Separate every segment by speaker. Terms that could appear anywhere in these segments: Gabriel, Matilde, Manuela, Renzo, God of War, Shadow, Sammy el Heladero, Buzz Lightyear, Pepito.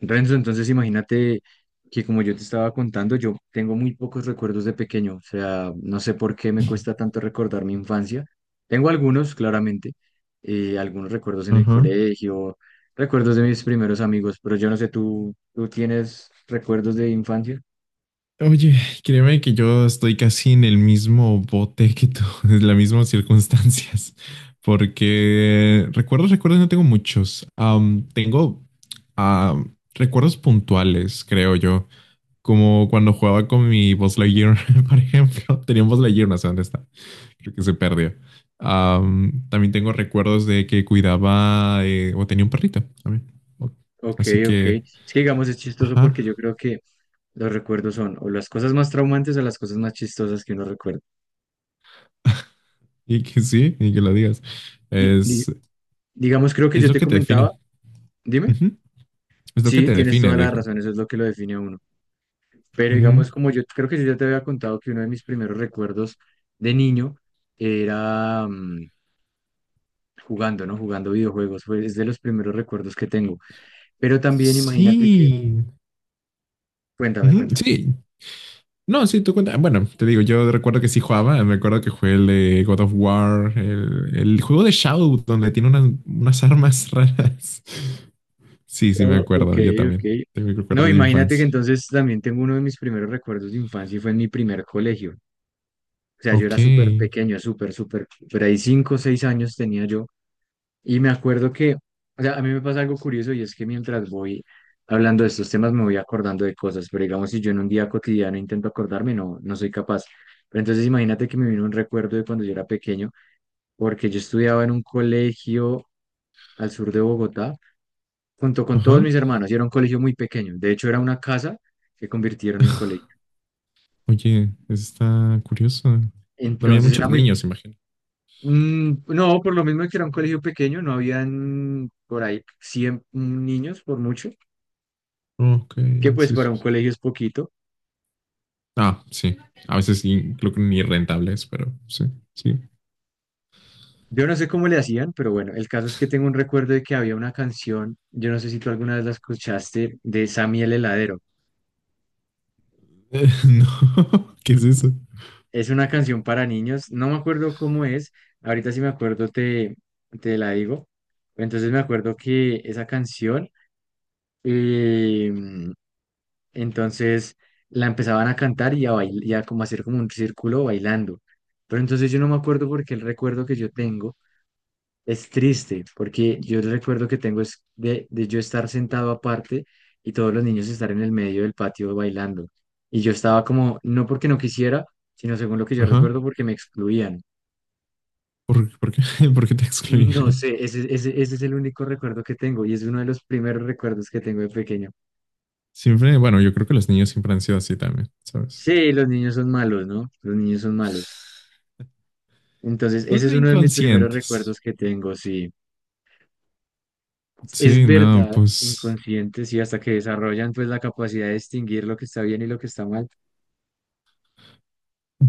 Speaker 1: Renzo, entonces imagínate que como yo te estaba contando, yo tengo muy pocos recuerdos de pequeño, o sea, no sé por qué me cuesta tanto recordar mi infancia. Tengo algunos, claramente, algunos recuerdos en el
Speaker 2: Ajá.
Speaker 1: colegio, recuerdos de mis primeros amigos, pero yo no sé, ¿tú tienes recuerdos de infancia?
Speaker 2: Oye, créeme que yo estoy casi en el mismo bote que tú, en las mismas circunstancias, porque recuerdos, recuerdos no tengo muchos. Tengo recuerdos puntuales, creo yo, como cuando jugaba con mi Buzz Lightyear, por ejemplo. Tenía un Buzz Lightyear, no sé dónde está, creo que se perdió. También tengo recuerdos de que cuidaba o tenía un perrito también. Ok.
Speaker 1: Ok,
Speaker 2: Así
Speaker 1: ok.
Speaker 2: que,
Speaker 1: Es que digamos, es chistoso porque
Speaker 2: ajá.
Speaker 1: yo creo que los recuerdos son o las cosas más traumantes o las cosas más chistosas que uno recuerda.
Speaker 2: Y que sí, y que lo digas.
Speaker 1: Di- di-
Speaker 2: Es,
Speaker 1: digamos, creo que
Speaker 2: es
Speaker 1: yo
Speaker 2: lo
Speaker 1: te
Speaker 2: que te
Speaker 1: comentaba,
Speaker 2: define.
Speaker 1: dime.
Speaker 2: Ujú. Es lo que
Speaker 1: Sí,
Speaker 2: te
Speaker 1: tienes
Speaker 2: define,
Speaker 1: toda la
Speaker 2: viejo.
Speaker 1: razón, eso es lo que lo define a uno. Pero
Speaker 2: Ujú.
Speaker 1: digamos, como yo creo que yo ya te había contado que uno de mis primeros recuerdos de niño era jugando, ¿no? Jugando videojuegos, fue, es de los primeros recuerdos que tengo. Pero también imagínate que,
Speaker 2: Sí.
Speaker 1: cuéntame,
Speaker 2: Ujú,
Speaker 1: cuéntame.
Speaker 2: sí. No, sí, tú cuenta. Bueno, te digo, yo recuerdo que sí jugaba. Me acuerdo que jugué el de God of War, el juego de Shadow, donde tiene unas armas raras. Sí, sí, me
Speaker 1: Oh, ok,
Speaker 2: acuerdo. Yo
Speaker 1: ok.
Speaker 2: también. Tengo
Speaker 1: No,
Speaker 2: recuerdos de
Speaker 1: imagínate que
Speaker 2: infancia.
Speaker 1: entonces también tengo uno de mis primeros recuerdos de infancia y fue en mi primer colegio. O sea, yo
Speaker 2: Ok.
Speaker 1: era súper pequeño, súper, súper, por ahí 5 o 6 años tenía yo. Y me acuerdo que, o sea, a mí me pasa algo curioso y es que mientras voy hablando de estos temas me voy acordando de cosas, pero digamos, si yo en un día cotidiano intento acordarme, no, no soy capaz. Pero entonces imagínate que me vino un recuerdo de cuando yo era pequeño, porque yo estudiaba en un colegio al sur de Bogotá, junto con todos
Speaker 2: Ajá.
Speaker 1: mis hermanos, y era un colegio muy pequeño. De hecho, era una casa que convirtieron en colegio.
Speaker 2: Oye, está curioso. Había
Speaker 1: Entonces era
Speaker 2: muchos
Speaker 1: muy...
Speaker 2: niños, imagino.
Speaker 1: mm, No, por lo mismo que era un colegio pequeño, no habían por ahí 100 niños por mucho
Speaker 2: Ok,
Speaker 1: que pues
Speaker 2: sí.
Speaker 1: para un colegio es poquito.
Speaker 2: Ah, sí. A veces sí, creo que ni rentables, pero sí, sí.
Speaker 1: Yo no sé cómo le hacían, pero bueno, el caso es que tengo un recuerdo de que había una canción, yo no sé si tú alguna vez la escuchaste, de Sammy el Heladero.
Speaker 2: No, ¿qué es eso?
Speaker 1: Es una canción para niños, no me acuerdo cómo es, ahorita si me acuerdo te la digo. Entonces me acuerdo que esa canción, eh, entonces la empezaban a cantar y a, bailar y a como hacer como un círculo bailando. Pero entonces yo no me acuerdo porque el recuerdo que yo tengo es triste, porque yo recuerdo que tengo es de yo estar sentado aparte y todos los niños estar en el medio del patio bailando. Y yo estaba como, no porque no quisiera, sino según lo que yo
Speaker 2: Ajá.
Speaker 1: recuerdo, porque me excluían.
Speaker 2: ¿Por qué, por qué te
Speaker 1: No
Speaker 2: excluían?
Speaker 1: sé, ese es el único recuerdo que tengo y es uno de los primeros recuerdos que tengo de pequeño.
Speaker 2: Siempre, bueno, yo creo que los niños siempre han sido así también, ¿sabes?
Speaker 1: Sí, los niños son malos, ¿no? Los niños son malos. Entonces, ese
Speaker 2: Son
Speaker 1: es uno de mis primeros
Speaker 2: inconscientes.
Speaker 1: recuerdos que tengo, sí. Es
Speaker 2: Sí, no,
Speaker 1: verdad,
Speaker 2: pues
Speaker 1: inconscientes y hasta que desarrollan pues la capacidad de distinguir lo que está bien y lo que está mal.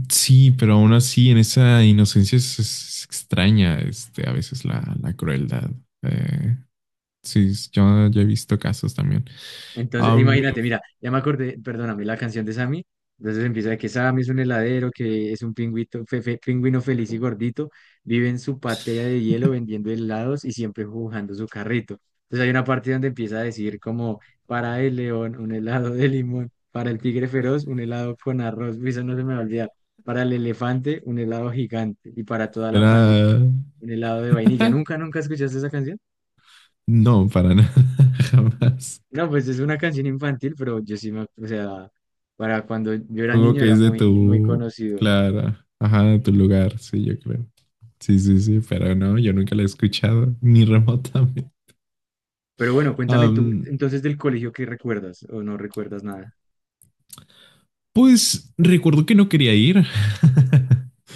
Speaker 2: sí, pero aún así en esa inocencia es extraña, este, a veces la crueldad. Eh, sí, yo he visto casos también. A
Speaker 1: Entonces,
Speaker 2: mí
Speaker 1: imagínate,
Speaker 2: me
Speaker 1: mira, ya me acordé, perdóname, la canción de Sammy. Entonces empieza de que Sammy es un heladero, que es un pingüito, pingüino feliz y gordito, vive en su patria de hielo vendiendo helados y siempre jugando su carrito. Entonces hay una parte donde empieza a decir como, para el león, un helado de limón, para el tigre feroz, un helado con arroz, uy, eso no se me va a olvidar, para el elefante, un helado gigante y para toda la pandilla,
Speaker 2: será.
Speaker 1: un helado de vainilla. ¿Nunca, nunca escuchaste esa canción?
Speaker 2: No, para nada, jamás.
Speaker 1: No, pues es una canción infantil, pero yo sí me, o sea, para cuando yo era
Speaker 2: Supongo
Speaker 1: niño
Speaker 2: que
Speaker 1: era
Speaker 2: es de
Speaker 1: muy, muy
Speaker 2: tu,
Speaker 1: conocido.
Speaker 2: claro, ajá, de tu lugar, sí, yo creo. Sí, sí, sí, pero no, yo nunca la he escuchado, ni remotamente.
Speaker 1: Pero bueno, cuéntame tú,
Speaker 2: Am,
Speaker 1: entonces del colegio, ¿qué recuerdas o no recuerdas nada?
Speaker 2: pues recuerdo que no quería ir.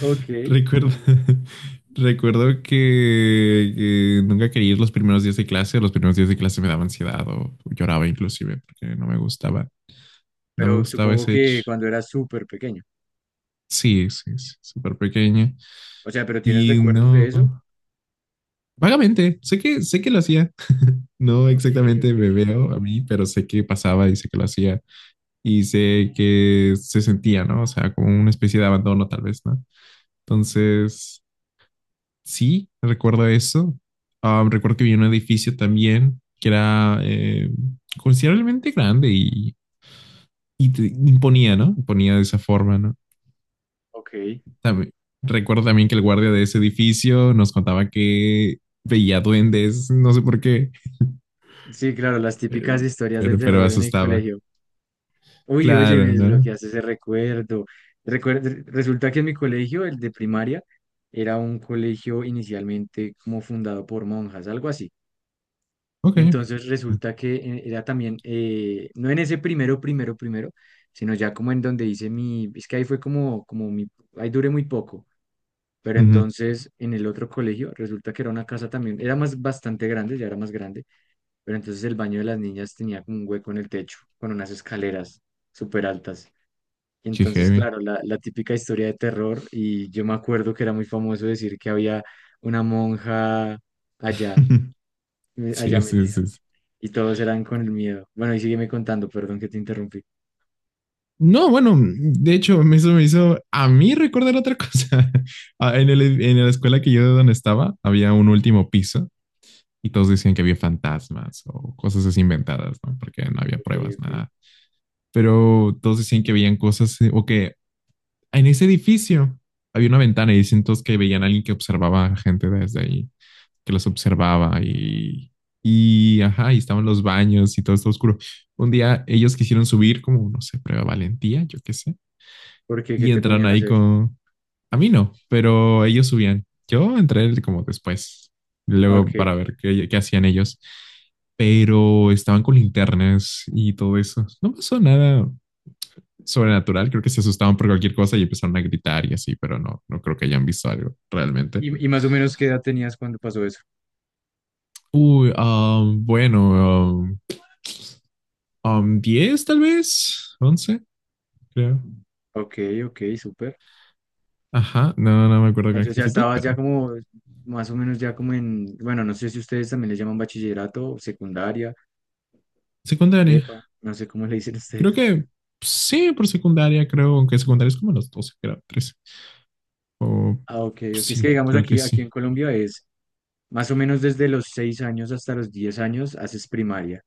Speaker 1: Ok.
Speaker 2: Recuerdo, recuerdo que nunca quería ir los primeros días de clase. Los primeros días de clase me daba ansiedad o lloraba inclusive porque no me gustaba, no me
Speaker 1: Pero
Speaker 2: gustaba
Speaker 1: supongo
Speaker 2: ese hecho.
Speaker 1: que cuando eras súper pequeño.
Speaker 2: Sí, sí, sí, súper pequeña.
Speaker 1: O sea, ¿pero tienes
Speaker 2: Y
Speaker 1: recuerdos de
Speaker 2: no.
Speaker 1: eso?
Speaker 2: Vagamente, sé que lo hacía. No
Speaker 1: Ok,
Speaker 2: exactamente
Speaker 1: ok,
Speaker 2: me veo a mí, pero sé que pasaba y sé que lo hacía. Y sé que se sentía, ¿no? O sea, como una especie de abandono tal vez, ¿no? Entonces, sí, recuerdo eso. Ah, recuerdo que vi un edificio también que era considerablemente grande y te imponía, ¿no? Imponía de esa forma, ¿no?
Speaker 1: ok.
Speaker 2: También- recuerdo también que el guardia de ese edificio nos contaba que veía duendes, no sé por qué.
Speaker 1: Sí, claro, las típicas
Speaker 2: Eh,
Speaker 1: historias de
Speaker 2: pero
Speaker 1: terror en el
Speaker 2: asustaba.
Speaker 1: colegio. Uy, oye, me
Speaker 2: Claro, ¿no?
Speaker 1: desbloqueaste ese recuerdo. Resulta que en mi colegio, el de primaria, era un colegio inicialmente como fundado por monjas, algo así.
Speaker 2: Ok.
Speaker 1: Entonces resulta que era también, no en ese primero, sino ya como en donde hice mi, es que ahí fue como mi, ahí duré muy poco, pero
Speaker 2: Ujú.
Speaker 1: entonces en el otro colegio resulta que era una casa también, era más bastante grande, ya era más grande, pero entonces el baño de las niñas tenía como un hueco en el techo, con unas escaleras súper altas. Y
Speaker 2: Qué
Speaker 1: entonces,
Speaker 2: heavy.
Speaker 1: claro, la típica historia de terror, y yo me acuerdo que era muy famoso decir que había una monja allá, allá
Speaker 2: Sí, sí,
Speaker 1: metida.
Speaker 2: sí. Sí.
Speaker 1: Y todos eran con el miedo. Bueno, y sígueme contando, perdón que te interrumpí.
Speaker 2: No, bueno, de hecho, eso me hizo a mí recordar otra cosa. Ah, en la escuela que yo de donde estaba, había un último piso y todos decían que había fantasmas o cosas así inventadas, ¿no? Porque no había
Speaker 1: Ok,
Speaker 2: pruebas,
Speaker 1: ok.
Speaker 2: nada. Pero todos decían que habían cosas o que en ese edificio había una ventana y dicen todos que veían a alguien que observaba a gente desde ahí, que los observaba y, ajá, y estaban los baños y todo está oscuro. Un día ellos quisieron subir como, no sé, prueba valentía, yo qué sé,
Speaker 1: ¿Por qué? ¿Qué
Speaker 2: y
Speaker 1: te
Speaker 2: entraron
Speaker 1: ponían a
Speaker 2: ahí
Speaker 1: hacer?
Speaker 2: con. A mí no, pero ellos subían. Yo entré como después,
Speaker 1: Ok.
Speaker 2: luego para ver qué hacían ellos, pero estaban con linternas y todo eso. No pasó nada sobrenatural, creo que se asustaban por cualquier cosa y empezaron a gritar y así, pero no, no creo que hayan visto algo realmente.
Speaker 1: Y más o menos qué edad tenías cuando pasó eso.
Speaker 2: Uy, bueno, 10 tal vez, 11 creo.
Speaker 1: Ok, ok, súper.
Speaker 2: Ajá, no, no me acuerdo con
Speaker 1: Entonces ya
Speaker 2: exactitud,
Speaker 1: estabas ya
Speaker 2: pero
Speaker 1: como, más o menos ya como en, bueno, no sé si ustedes también le llaman bachillerato, secundaria,
Speaker 2: secundaria.
Speaker 1: prepa, no sé cómo le dicen
Speaker 2: Creo
Speaker 1: ustedes.
Speaker 2: que sí, por secundaria, creo, aunque secundaria es como los 12 creo, 13 o
Speaker 1: Ah, ok, ok. Es que
Speaker 2: sí,
Speaker 1: digamos
Speaker 2: creo que
Speaker 1: aquí
Speaker 2: sí.
Speaker 1: en Colombia es más o menos desde los 6 años hasta los 10 años haces primaria.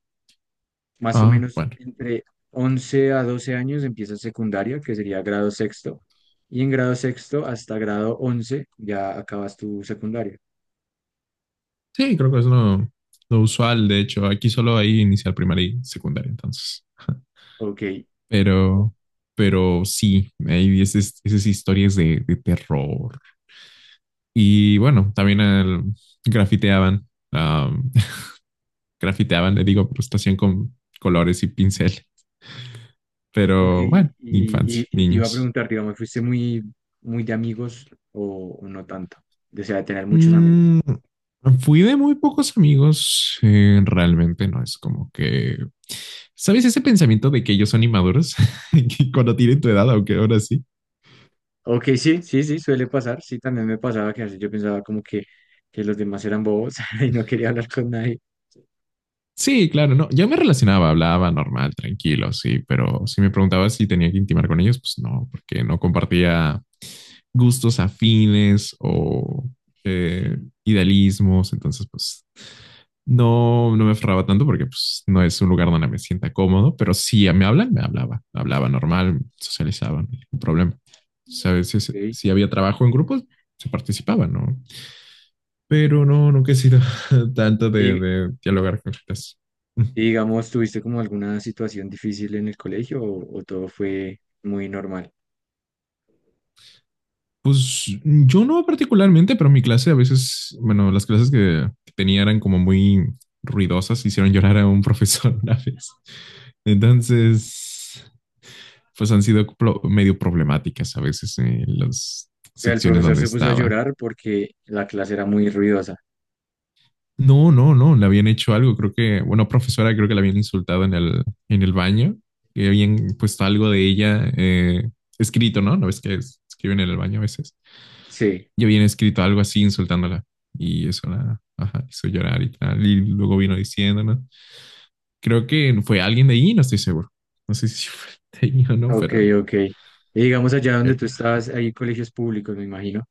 Speaker 1: Más o
Speaker 2: Ah,
Speaker 1: menos
Speaker 2: bueno.
Speaker 1: entre 11 a 12 años empieza secundaria, que sería grado sexto, y en grado sexto hasta grado 11 ya acabas tu secundaria.
Speaker 2: Sí, creo que es lo usual, de hecho. Aquí solo hay inicial primaria y secundaria, entonces.
Speaker 1: Ok,
Speaker 2: Pero, pero sí, hay esas historias de terror. Y bueno, también grafiteaban. Ah, grafiteaban, le digo, pues lo hacían con colores y pincel.
Speaker 1: ok,
Speaker 2: Pero
Speaker 1: y,
Speaker 2: bueno, infancia,
Speaker 1: y- y te iba a
Speaker 2: niños.
Speaker 1: preguntar, digamos, ¿fuiste muy de amigos o no tanto? O sea, de tener muchos amigos.
Speaker 2: Mm, fui de muy pocos amigos, realmente no es como que, ¿sabes ese pensamiento de que ellos son inmaduros? Que cuando tienen tu edad, aunque ahora sí.
Speaker 1: Ok, sí, sí, sí, suele pasar, sí, también me pasaba que a veces yo pensaba como que los demás eran bobos y no quería hablar con nadie.
Speaker 2: Sí, claro, no, yo me relacionaba, hablaba normal, tranquilo, sí, pero si me preguntaba si tenía que intimar con ellos, pues no, porque no compartía gustos afines o eh, idealismos, entonces pues no, no me aferraba tanto porque pues no es un lugar donde me sienta cómodo, pero si me hablan, me hablaba, hablaba normal, socializaba, no hay ningún problema. O sea, a veces
Speaker 1: Ok,
Speaker 2: si había trabajo en grupos, se participaba, ¿no? Pero no, nunca he sido tanto de,
Speaker 1: y,
Speaker 2: de dialogar con gente.
Speaker 1: Y digamos, ¿tuviste como alguna situación difícil en el colegio o todo fue muy normal?
Speaker 2: Pues yo no particularmente, pero mi clase a veces, bueno, las clases que tenía eran como muy ruidosas, hicieron llorar a un profesor una vez. Entonces, pues han sido medio problemáticas a veces en las
Speaker 1: O sea, el
Speaker 2: secciones
Speaker 1: profesor
Speaker 2: donde
Speaker 1: se puso a
Speaker 2: estaba.
Speaker 1: llorar porque la clase era muy ruidosa.
Speaker 2: No, no, no, le habían hecho algo, creo que, bueno, profesora, creo que la habían insultado en el baño, que habían puesto algo de ella escrito, ¿no? No ves que escriben en el baño a veces.
Speaker 1: Sí,
Speaker 2: Yo había escrito algo así insultándola y eso la, ajá, hizo llorar y tal. Y luego vino diciendo, ¿no? Creo que fue alguien de ahí, no estoy seguro. No sé si fue de ahí o no,
Speaker 1: ok, ok. Y digamos, allá donde
Speaker 2: pero...
Speaker 1: tú estabas, hay colegios públicos, me imagino,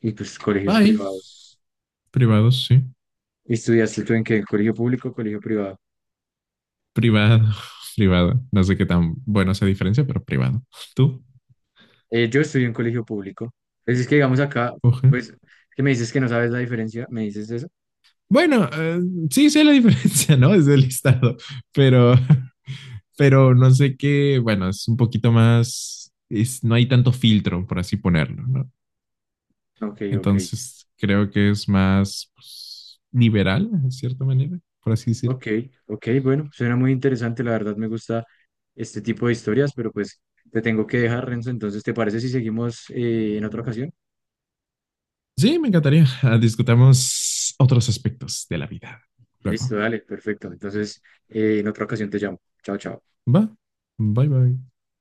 Speaker 1: y pues colegios
Speaker 2: Ay,
Speaker 1: privados.
Speaker 2: privado, sí.
Speaker 1: ¿Y estudiaste tú en qué? ¿Colegio público o colegio privado?
Speaker 2: Privado, privado. No sé qué tan bueno esa diferencia, pero privado. Tú,
Speaker 1: Yo estudié en colegio público. Pues es que digamos acá,
Speaker 2: oje.
Speaker 1: pues, ¿qué me dices que no sabes la diferencia? ¿Me dices eso?
Speaker 2: Bueno, sí sé la diferencia, ¿no? Es del listado, pero, pero no sé qué. Bueno, es un poquito más. No hay tanto filtro, por así ponerlo, ¿no?
Speaker 1: Ok, ok.
Speaker 2: Entonces, creo que es más pues, liberal, en cierta manera, por así decirlo.
Speaker 1: Ok, ok, bueno, suena muy interesante, la verdad me gusta este tipo de historias, pero pues te tengo que dejar, Renzo, entonces, ¿te parece si seguimos en otra ocasión?
Speaker 2: Sí, me encantaría. Ah, discutamos otros aspectos de la vida. Luego.
Speaker 1: Listo, dale, perfecto. Entonces, en otra ocasión te llamo. Chao, chao.
Speaker 2: Va. Bye bye.